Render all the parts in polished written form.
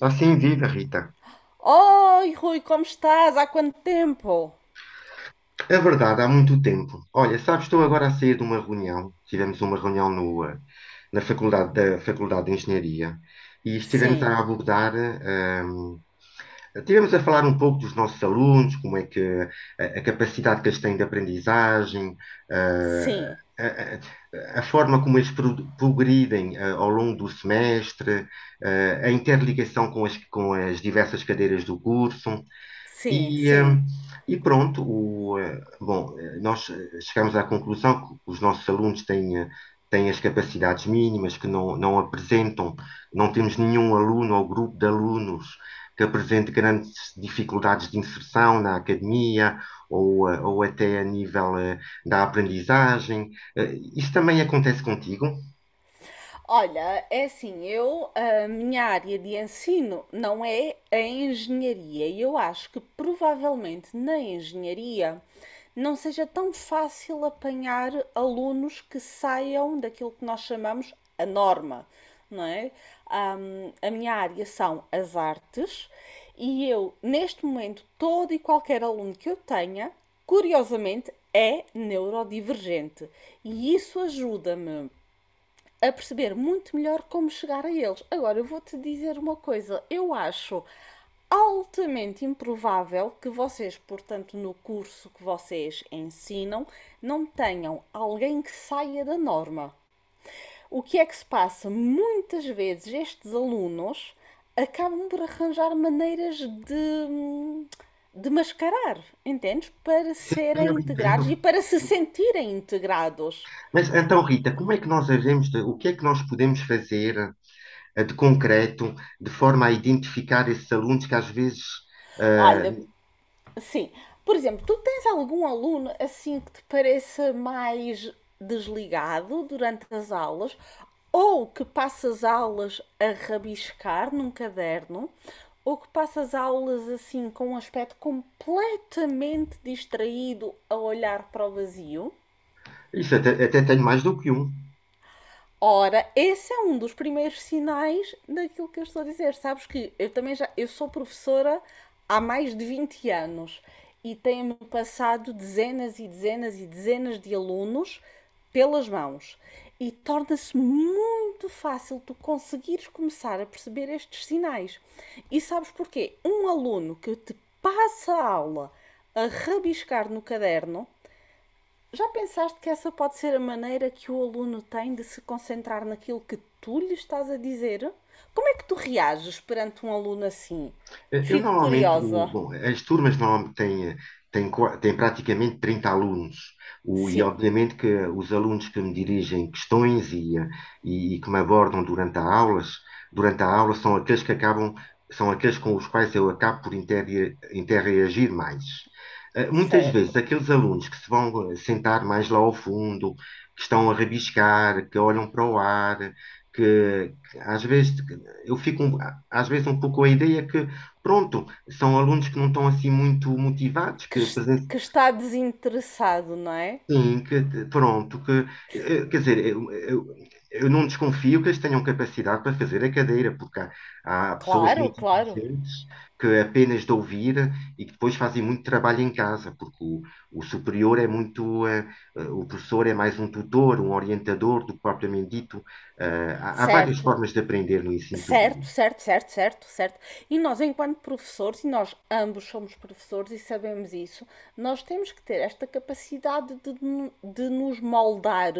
Assim viva, Rita. Oi, Rui, como estás? Há quanto tempo? É verdade, há muito tempo. Olha, sabes, estou agora a sair de uma reunião. Tivemos uma reunião no, eh, na faculdade, da Faculdade de Engenharia e estivemos Sim, a abordar. Tivemos a falar um pouco dos nossos alunos, como é que a capacidade que eles têm de aprendizagem, eh, sim, a, a forma como eles progridem ao longo do semestre, a interligação com as diversas cadeiras do curso. sim, E, eh, sim. e pronto, bom, nós chegamos à conclusão que os nossos alunos têm, têm as capacidades mínimas, que não apresentam, não temos nenhum aluno ou grupo de alunos que apresente grandes dificuldades de inserção na academia ou até a nível da aprendizagem. Isso também acontece contigo? Olha, é assim, a minha área de ensino não é a engenharia e eu acho que provavelmente na engenharia não seja tão fácil apanhar alunos que saiam daquilo que nós chamamos a norma, não é? A minha área são as artes e eu, neste momento, todo e qualquer aluno que eu tenha, curiosamente, é neurodivergente. E isso ajuda-me a perceber muito melhor como chegar a eles. Agora, eu vou-te dizer uma coisa: eu acho altamente improvável que vocês, portanto, no curso que vocês ensinam, não tenham alguém que saia da norma. O que é que se passa? Muitas vezes estes alunos acabam por arranjar maneiras de mascarar, entendes? Para serem Eu integrados entendo. e para se sentirem integrados. Mas então, Rita, como é que nós devemos, o que é que nós podemos fazer de concreto, de forma a identificar esses alunos que às vezes, eh, Olha. Sim. Por exemplo, tu tens algum aluno assim que te pareça mais desligado durante as aulas ou que passa as aulas a rabiscar num caderno ou que passa as aulas assim com um aspecto completamente distraído a olhar para o vazio? isso até tenho mais do que um. Ora, esse é um dos primeiros sinais daquilo que eu estou a dizer. Sabes que eu também já eu sou professora há mais de 20 anos e tenho-me passado dezenas e dezenas e dezenas de alunos pelas mãos. E torna-se muito fácil tu conseguires começar a perceber estes sinais. E sabes porquê? Um aluno que te passa a aula a rabiscar no caderno, já pensaste que essa pode ser a maneira que o aluno tem de se concentrar naquilo que tu lhe estás a dizer? Como é que tu reages perante um aluno assim? Eu Fico normalmente, curiosa. bom, as turmas normalmente têm praticamente 30 alunos, e Sim, obviamente que os alunos que me dirigem questões e que me abordam durante a aula são aqueles que acabam, são aqueles com os quais eu acabo por interreagir mais. Muitas certo. vezes, aqueles alunos que se vão sentar mais lá ao fundo, que estão a rabiscar, que olham para o ar, que às vezes eu fico às vezes um pouco com a ideia que pronto, são alunos que não estão assim muito motivados, Que, que está desinteressado, não é? sim, pronto, que quer dizer, eu não desconfio que eles tenham capacidade para fazer a cadeira, porque há pessoas Claro, muito claro. inteligentes que apenas de ouvir e que depois fazem muito trabalho em casa, porque o superior é muito, o professor é mais um tutor, um orientador do que propriamente dito. Há várias Certo. formas de aprender no ensino superior. Certo, certo, certo, certo, certo. E nós, enquanto professores, e nós ambos somos professores e sabemos isso, nós temos que ter esta capacidade de, de nos moldar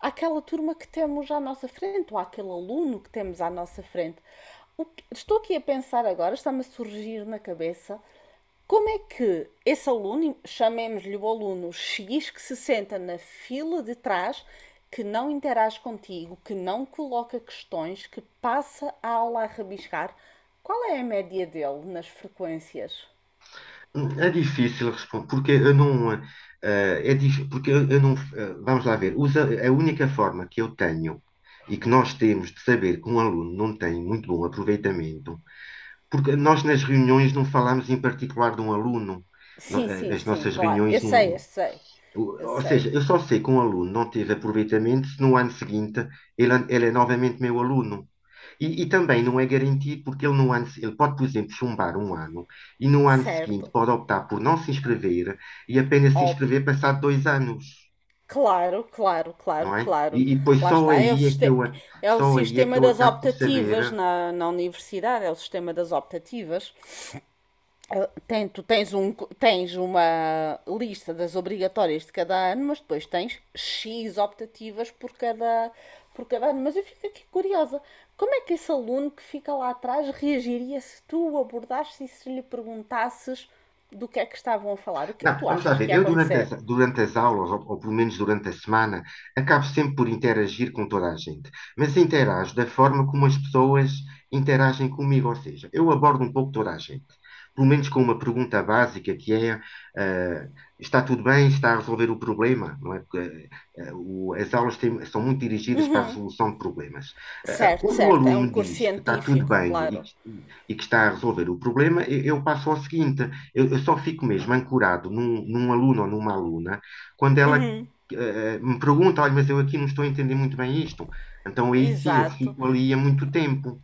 àquela turma que temos à nossa frente, ou àquele aluno que temos à nossa frente. O que- estou aqui a pensar agora, está-me a surgir na cabeça, como é que esse aluno, chamemos-lhe o aluno X, que se senta na fila de trás, que não interage contigo, que não coloca questões, que passa a aula a rabiscar, qual é a média dele nas frequências? É difícil responder, porque eu não. Porque eu não. Vamos lá ver. A única forma que eu tenho e que nós temos de saber que um aluno não tem muito bom aproveitamento, porque nós nas reuniões não falamos em particular de um aluno. Sim, sim, As sim, nossas claro. Eu reuniões sei, eu não. sei. Eu Ou seja, sei. eu só sei que um aluno não teve aproveitamento se no ano seguinte ele é novamente meu aluno. E também não é garantido, porque ele, no ano, ele pode, por exemplo, chumbar um ano e no ano seguinte Certo. pode optar por não se inscrever e apenas se Óbvio. inscrever passado 2 anos, Claro, claro, claro, não é? claro. E depois Lá está. É o, siste- é o só aí é que sistema eu das acabo por saber. optativas na universidade, é o sistema das optativas. Ah, tem, tu tens, tens uma lista das obrigatórias de cada ano, mas depois tens X optativas por cada ano. Mas eu fico aqui curiosa. Como é que esse aluno que fica lá atrás reagiria se tu o abordasses e se lhe perguntasses do que é que estavam a falar? O que é que Não, tu vamos lá achas que ver. ia Eu, durante as, acontecer? durante as aulas, ou pelo menos durante a semana, acabo sempre por interagir com toda a gente. Mas interajo da forma como as pessoas interagem comigo, ou seja, eu abordo um pouco toda a gente. Pelo menos com uma pergunta básica que é: eh, está tudo bem? Está a resolver o problema? Não é? Porque, as aulas são muito dirigidas para a resolução de problemas. Eh, Certo, quando o certo. É aluno um me curso diz que está tudo científico, bem e claro. que, e que está a resolver o problema, eu passo ao seguinte. Eu só fico mesmo ancorado num aluno ou numa aluna quando ela me pergunta, olha, mas eu aqui não estou a entender muito bem isto. Então aí sim, eu Exato. fico ali há muito tempo.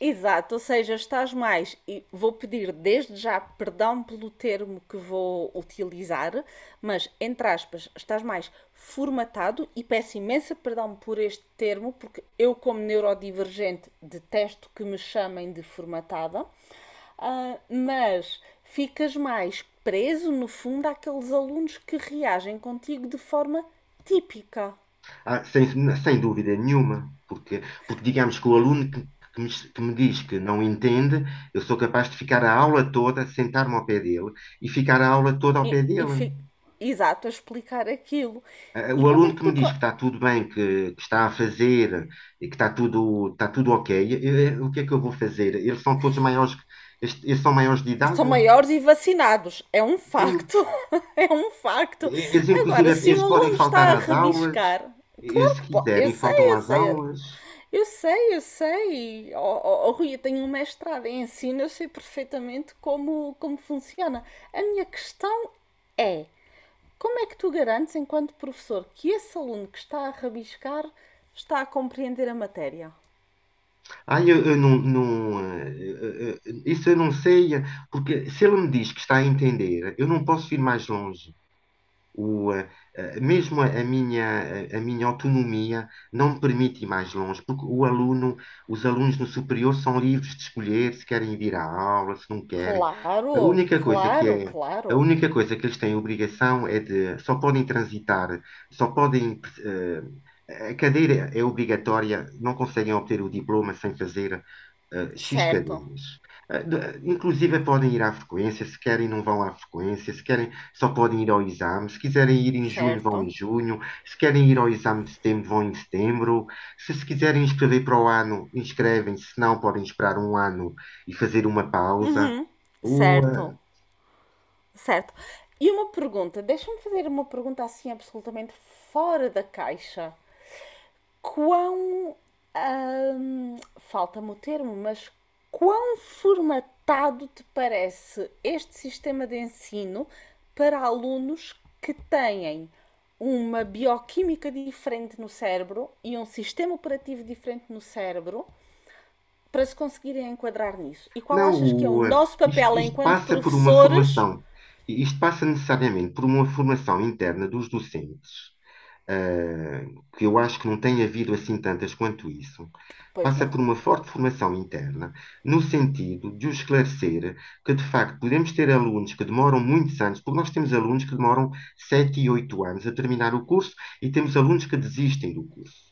Exato, ou seja, estás mais, e vou pedir desde já perdão pelo termo que vou utilizar, mas entre aspas, estás mais formatado e peço imensa perdão por este termo, porque eu, como neurodivergente, detesto que me chamem de formatada, ah, mas ficas mais preso, no fundo, àqueles alunos que reagem contigo de forma típica. Ah, sem dúvida nenhuma, porque digamos que o aluno que me, que me diz que não entende, eu sou capaz de ficar a aula toda, sentar-me ao pé dele e ficar a aula toda ao E, pé e dele. fi- exato, a explicar aquilo. E O como é aluno que que me tu. diz que está tudo bem, que está a fazer, e que está tudo ok, o que é que eu vou fazer? Eles são todos maiores, eles são maiores de São idade? maiores e vacinados, é um Sim. facto, é um facto. Eles, inclusive, Agora, se eles um podem aluno faltar está a às aulas, rabiscar, eles, claro se que pode, eu quiserem, sei, faltam eu às sei, aulas. eu sei, eu sei. Oh, oh, oh, Rui, eu tenho um mestrado em ensino, eu sei perfeitamente como, como funciona. A minha questão é, como é que tu garantes, enquanto professor, que esse aluno que está a rabiscar está a compreender a matéria? Ah, eu não, não, isso eu não sei, porque se ele me diz que está a entender, eu não posso ir mais longe. O, eh, Mesmo a minha autonomia não me permite ir mais longe, porque os alunos no superior são livres de escolher se querem vir à aula, se não querem. A Claro, única coisa que claro, é, a claro. única coisa que eles têm obrigação é de, só podem transitar, só podem, a cadeira é obrigatória, não conseguem obter o diploma sem fazer X Certo, cadeiras. Inclusive podem ir à frequência, se querem não vão à frequência, se querem só podem ir ao exame. Se quiserem ir em junho, vão em certo. junho. Se querem ir ao exame de setembro, vão em setembro. Se se quiserem inscrever para o ano, inscrevem-se. Se não, podem esperar um ano e fazer uma pausa. O, eh, Certo, certo. E uma pergunta, deixa-me fazer uma pergunta assim absolutamente fora da caixa. Quão, falta-me o termo, mas quão formatado te parece este sistema de ensino para alunos que têm uma bioquímica diferente no cérebro e um sistema operativo diferente no cérebro para se conseguirem enquadrar nisso? E qual não, achas que é o nosso isto, papel isto enquanto passa por uma professores? formação. Isto passa necessariamente por uma formação interna dos docentes ah, que eu acho que não tem havido assim tantas quanto isso, Pois passa não. por uma forte formação interna, no sentido de o esclarecer que, de facto, podemos ter alunos que demoram muitos anos, porque nós temos alunos que demoram 7 e 8 anos a terminar o curso e temos alunos que desistem do curso.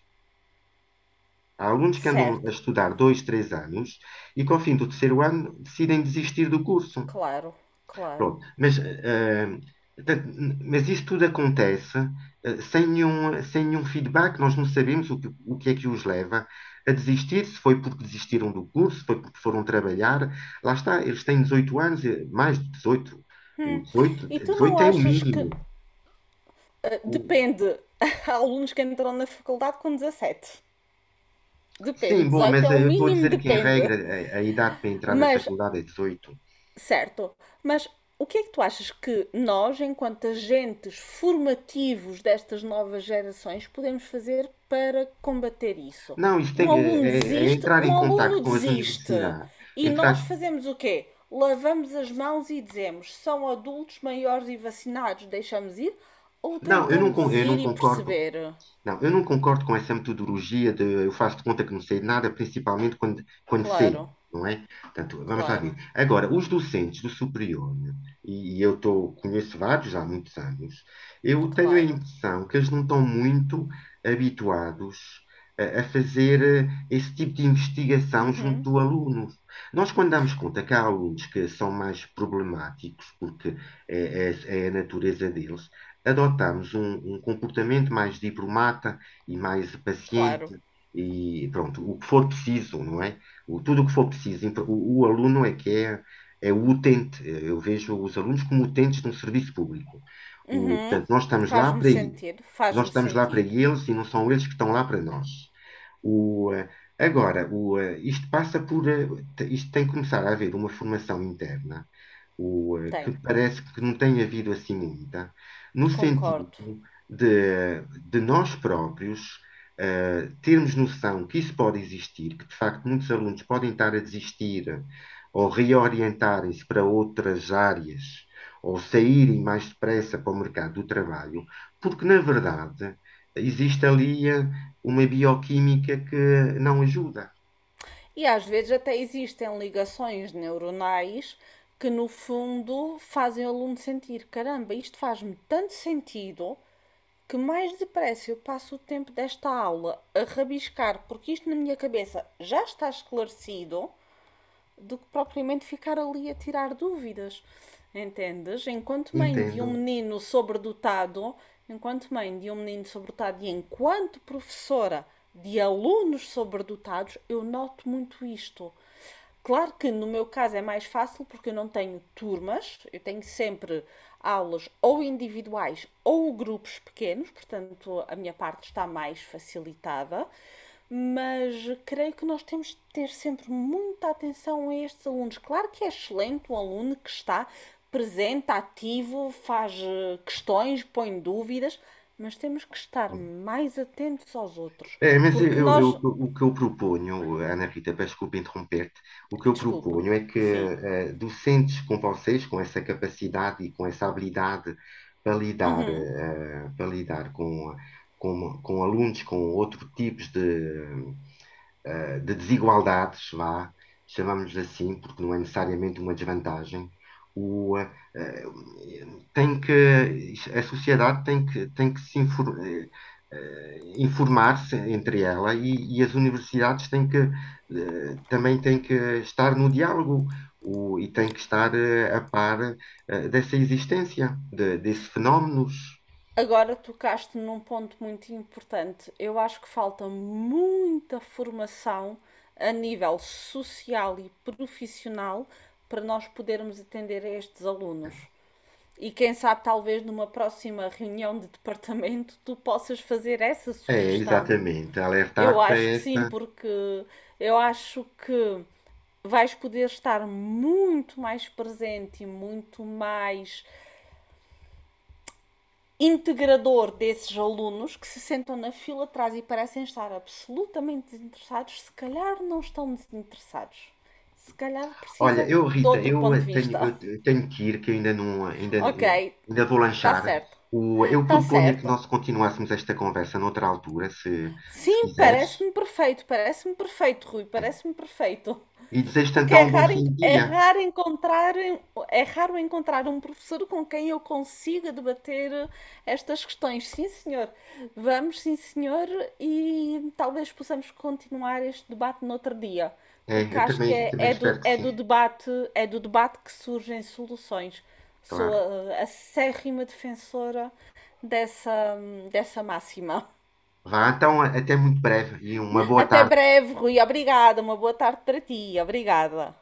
Há alunos que andam a Certo, estudar 2, 3 anos e que ao fim do terceiro ano decidem desistir do curso. claro, Pronto. claro. Mas isso tudo acontece sem nenhum, feedback. Nós não sabemos o que é que os leva a desistir, se foi porque desistiram do curso, se foi porque foram trabalhar. Lá está, eles têm 18 anos, mais de 18. O 18, E tu não 18 é o achas que. mínimo. O- Depende. Há alunos que entram na faculdade com 17. sim, Depende. bom, 18 mas é o eu estou a mínimo, dizer que, em depende. regra, a idade para entrar na Mas faculdade é 18. certo, mas o que é que tu achas que nós, enquanto agentes formativos destas novas gerações, podemos fazer para combater isso? Não, isso tem, Um aluno é desiste, entrar um em aluno contacto com as desiste. universidades. E nós Entrar, fazemos o quê? Lavamos as mãos e dizemos: são adultos maiores e vacinados, deixamos ir? Ou não, eu não, tentamos con- eu não ir e concordo. perceber? Não, eu não concordo com essa metodologia de eu faço de conta que não sei de nada, principalmente quando sei, Claro, não é? Portanto, vamos lá ver. claro, Agora, os docentes do superior, né, e conheço vários há muitos anos, eu tenho a claro, impressão que eles não estão muito habituados a fazer esse tipo de investigação junto do aluno. Nós, quando damos conta que há alunos que são mais problemáticos, porque é a natureza deles, adotamos um comportamento mais diplomata e mais paciente claro. e pronto, o que for preciso, não é? Tudo o que for preciso. O aluno é que é o utente. Eu vejo os alunos como utentes de um serviço público. Portanto, Faz-me sentido, nós faz-me estamos lá para sentido. eles e não são eles que estão lá para nós. O, eh, Agora, isto passa por, isto tem que começar a haver uma formação interna que Tem, parece que não tem havido assim muita, no sentido concordo. de nós próprios termos noção que isso pode existir, que de facto muitos alunos podem estar a desistir ou reorientarem-se para outras áreas ou saírem mais depressa para o mercado do trabalho, porque na verdade existe ali uma bioquímica que não ajuda. E às vezes até existem ligações neuronais que no fundo fazem o aluno sentir, caramba, isto faz-me tanto sentido que mais depressa eu passo o tempo desta aula a rabiscar, porque isto na minha cabeça já está esclarecido do que propriamente ficar ali a tirar dúvidas. Entendes? Enquanto mãe de um Entendo. menino sobredotado, enquanto mãe de um menino sobredotado e enquanto professora de alunos sobredotados, eu noto muito isto. Claro que no meu caso é mais fácil porque eu não tenho turmas, eu tenho sempre aulas ou individuais ou grupos pequenos, portanto a minha parte está mais facilitada, mas creio que nós temos de ter sempre muita atenção a estes alunos. Claro que é excelente um aluno que está presente, ativo, faz questões, põe dúvidas, mas temos que estar mais atentos aos outros, É, mas porque nós. o que eu proponho, Ana Rita, peço desculpa interromper-te, o que eu Desculpa, proponho é que sim. Docentes com vocês, com essa capacidade e com essa habilidade para lidar, para lidar com, alunos com outros tipos de, de desigualdades, vá, chamamos assim, porque não é necessariamente uma desvantagem, o, eh, eh, tem que, a sociedade tem que se informar-se entre ela e as universidades também têm que estar no diálogo. E têm que estar a par dessa existência, desses fenómenos. Agora tocaste num ponto muito importante. Eu acho que falta muita formação a nível social e profissional para nós podermos atender a estes alunos. E quem sabe, talvez numa próxima reunião de departamento tu possas fazer essa É, sugestão. exatamente, Eu alertar para acho que sim, essa. porque eu acho que vais poder estar muito mais presente e muito mais integrador desses alunos que se sentam na fila atrás e parecem estar absolutamente desinteressados, se calhar não estão desinteressados. Se calhar Olha, precisam eu, de Rita, outro ponto de eu tenho, vista. eu te- tenho que ir, que eu ainda não, ainda, Ok, ainda vou está lanchar. certo. Eu Está proponho que certo. nós continuássemos esta conversa noutra altura, se Sim, quiseres. Parece-me perfeito, Rui, É. parece-me perfeito. E desejo-te Porque então é um bom raro, fim de dia. É raro encontrar um professor com quem eu consiga debater estas questões. Sim, senhor. Vamos, sim, senhor, e talvez possamos continuar este debate noutro dia, É, porque eu acho que também, é, também espero que sim, é do debate que surgem soluções. Sou claro. A acérrima defensora dessa, dessa máxima. Vá, então, até muito breve e uma boa Até tarde. breve, Rui. Obrigada. Uma boa tarde para ti. Obrigada.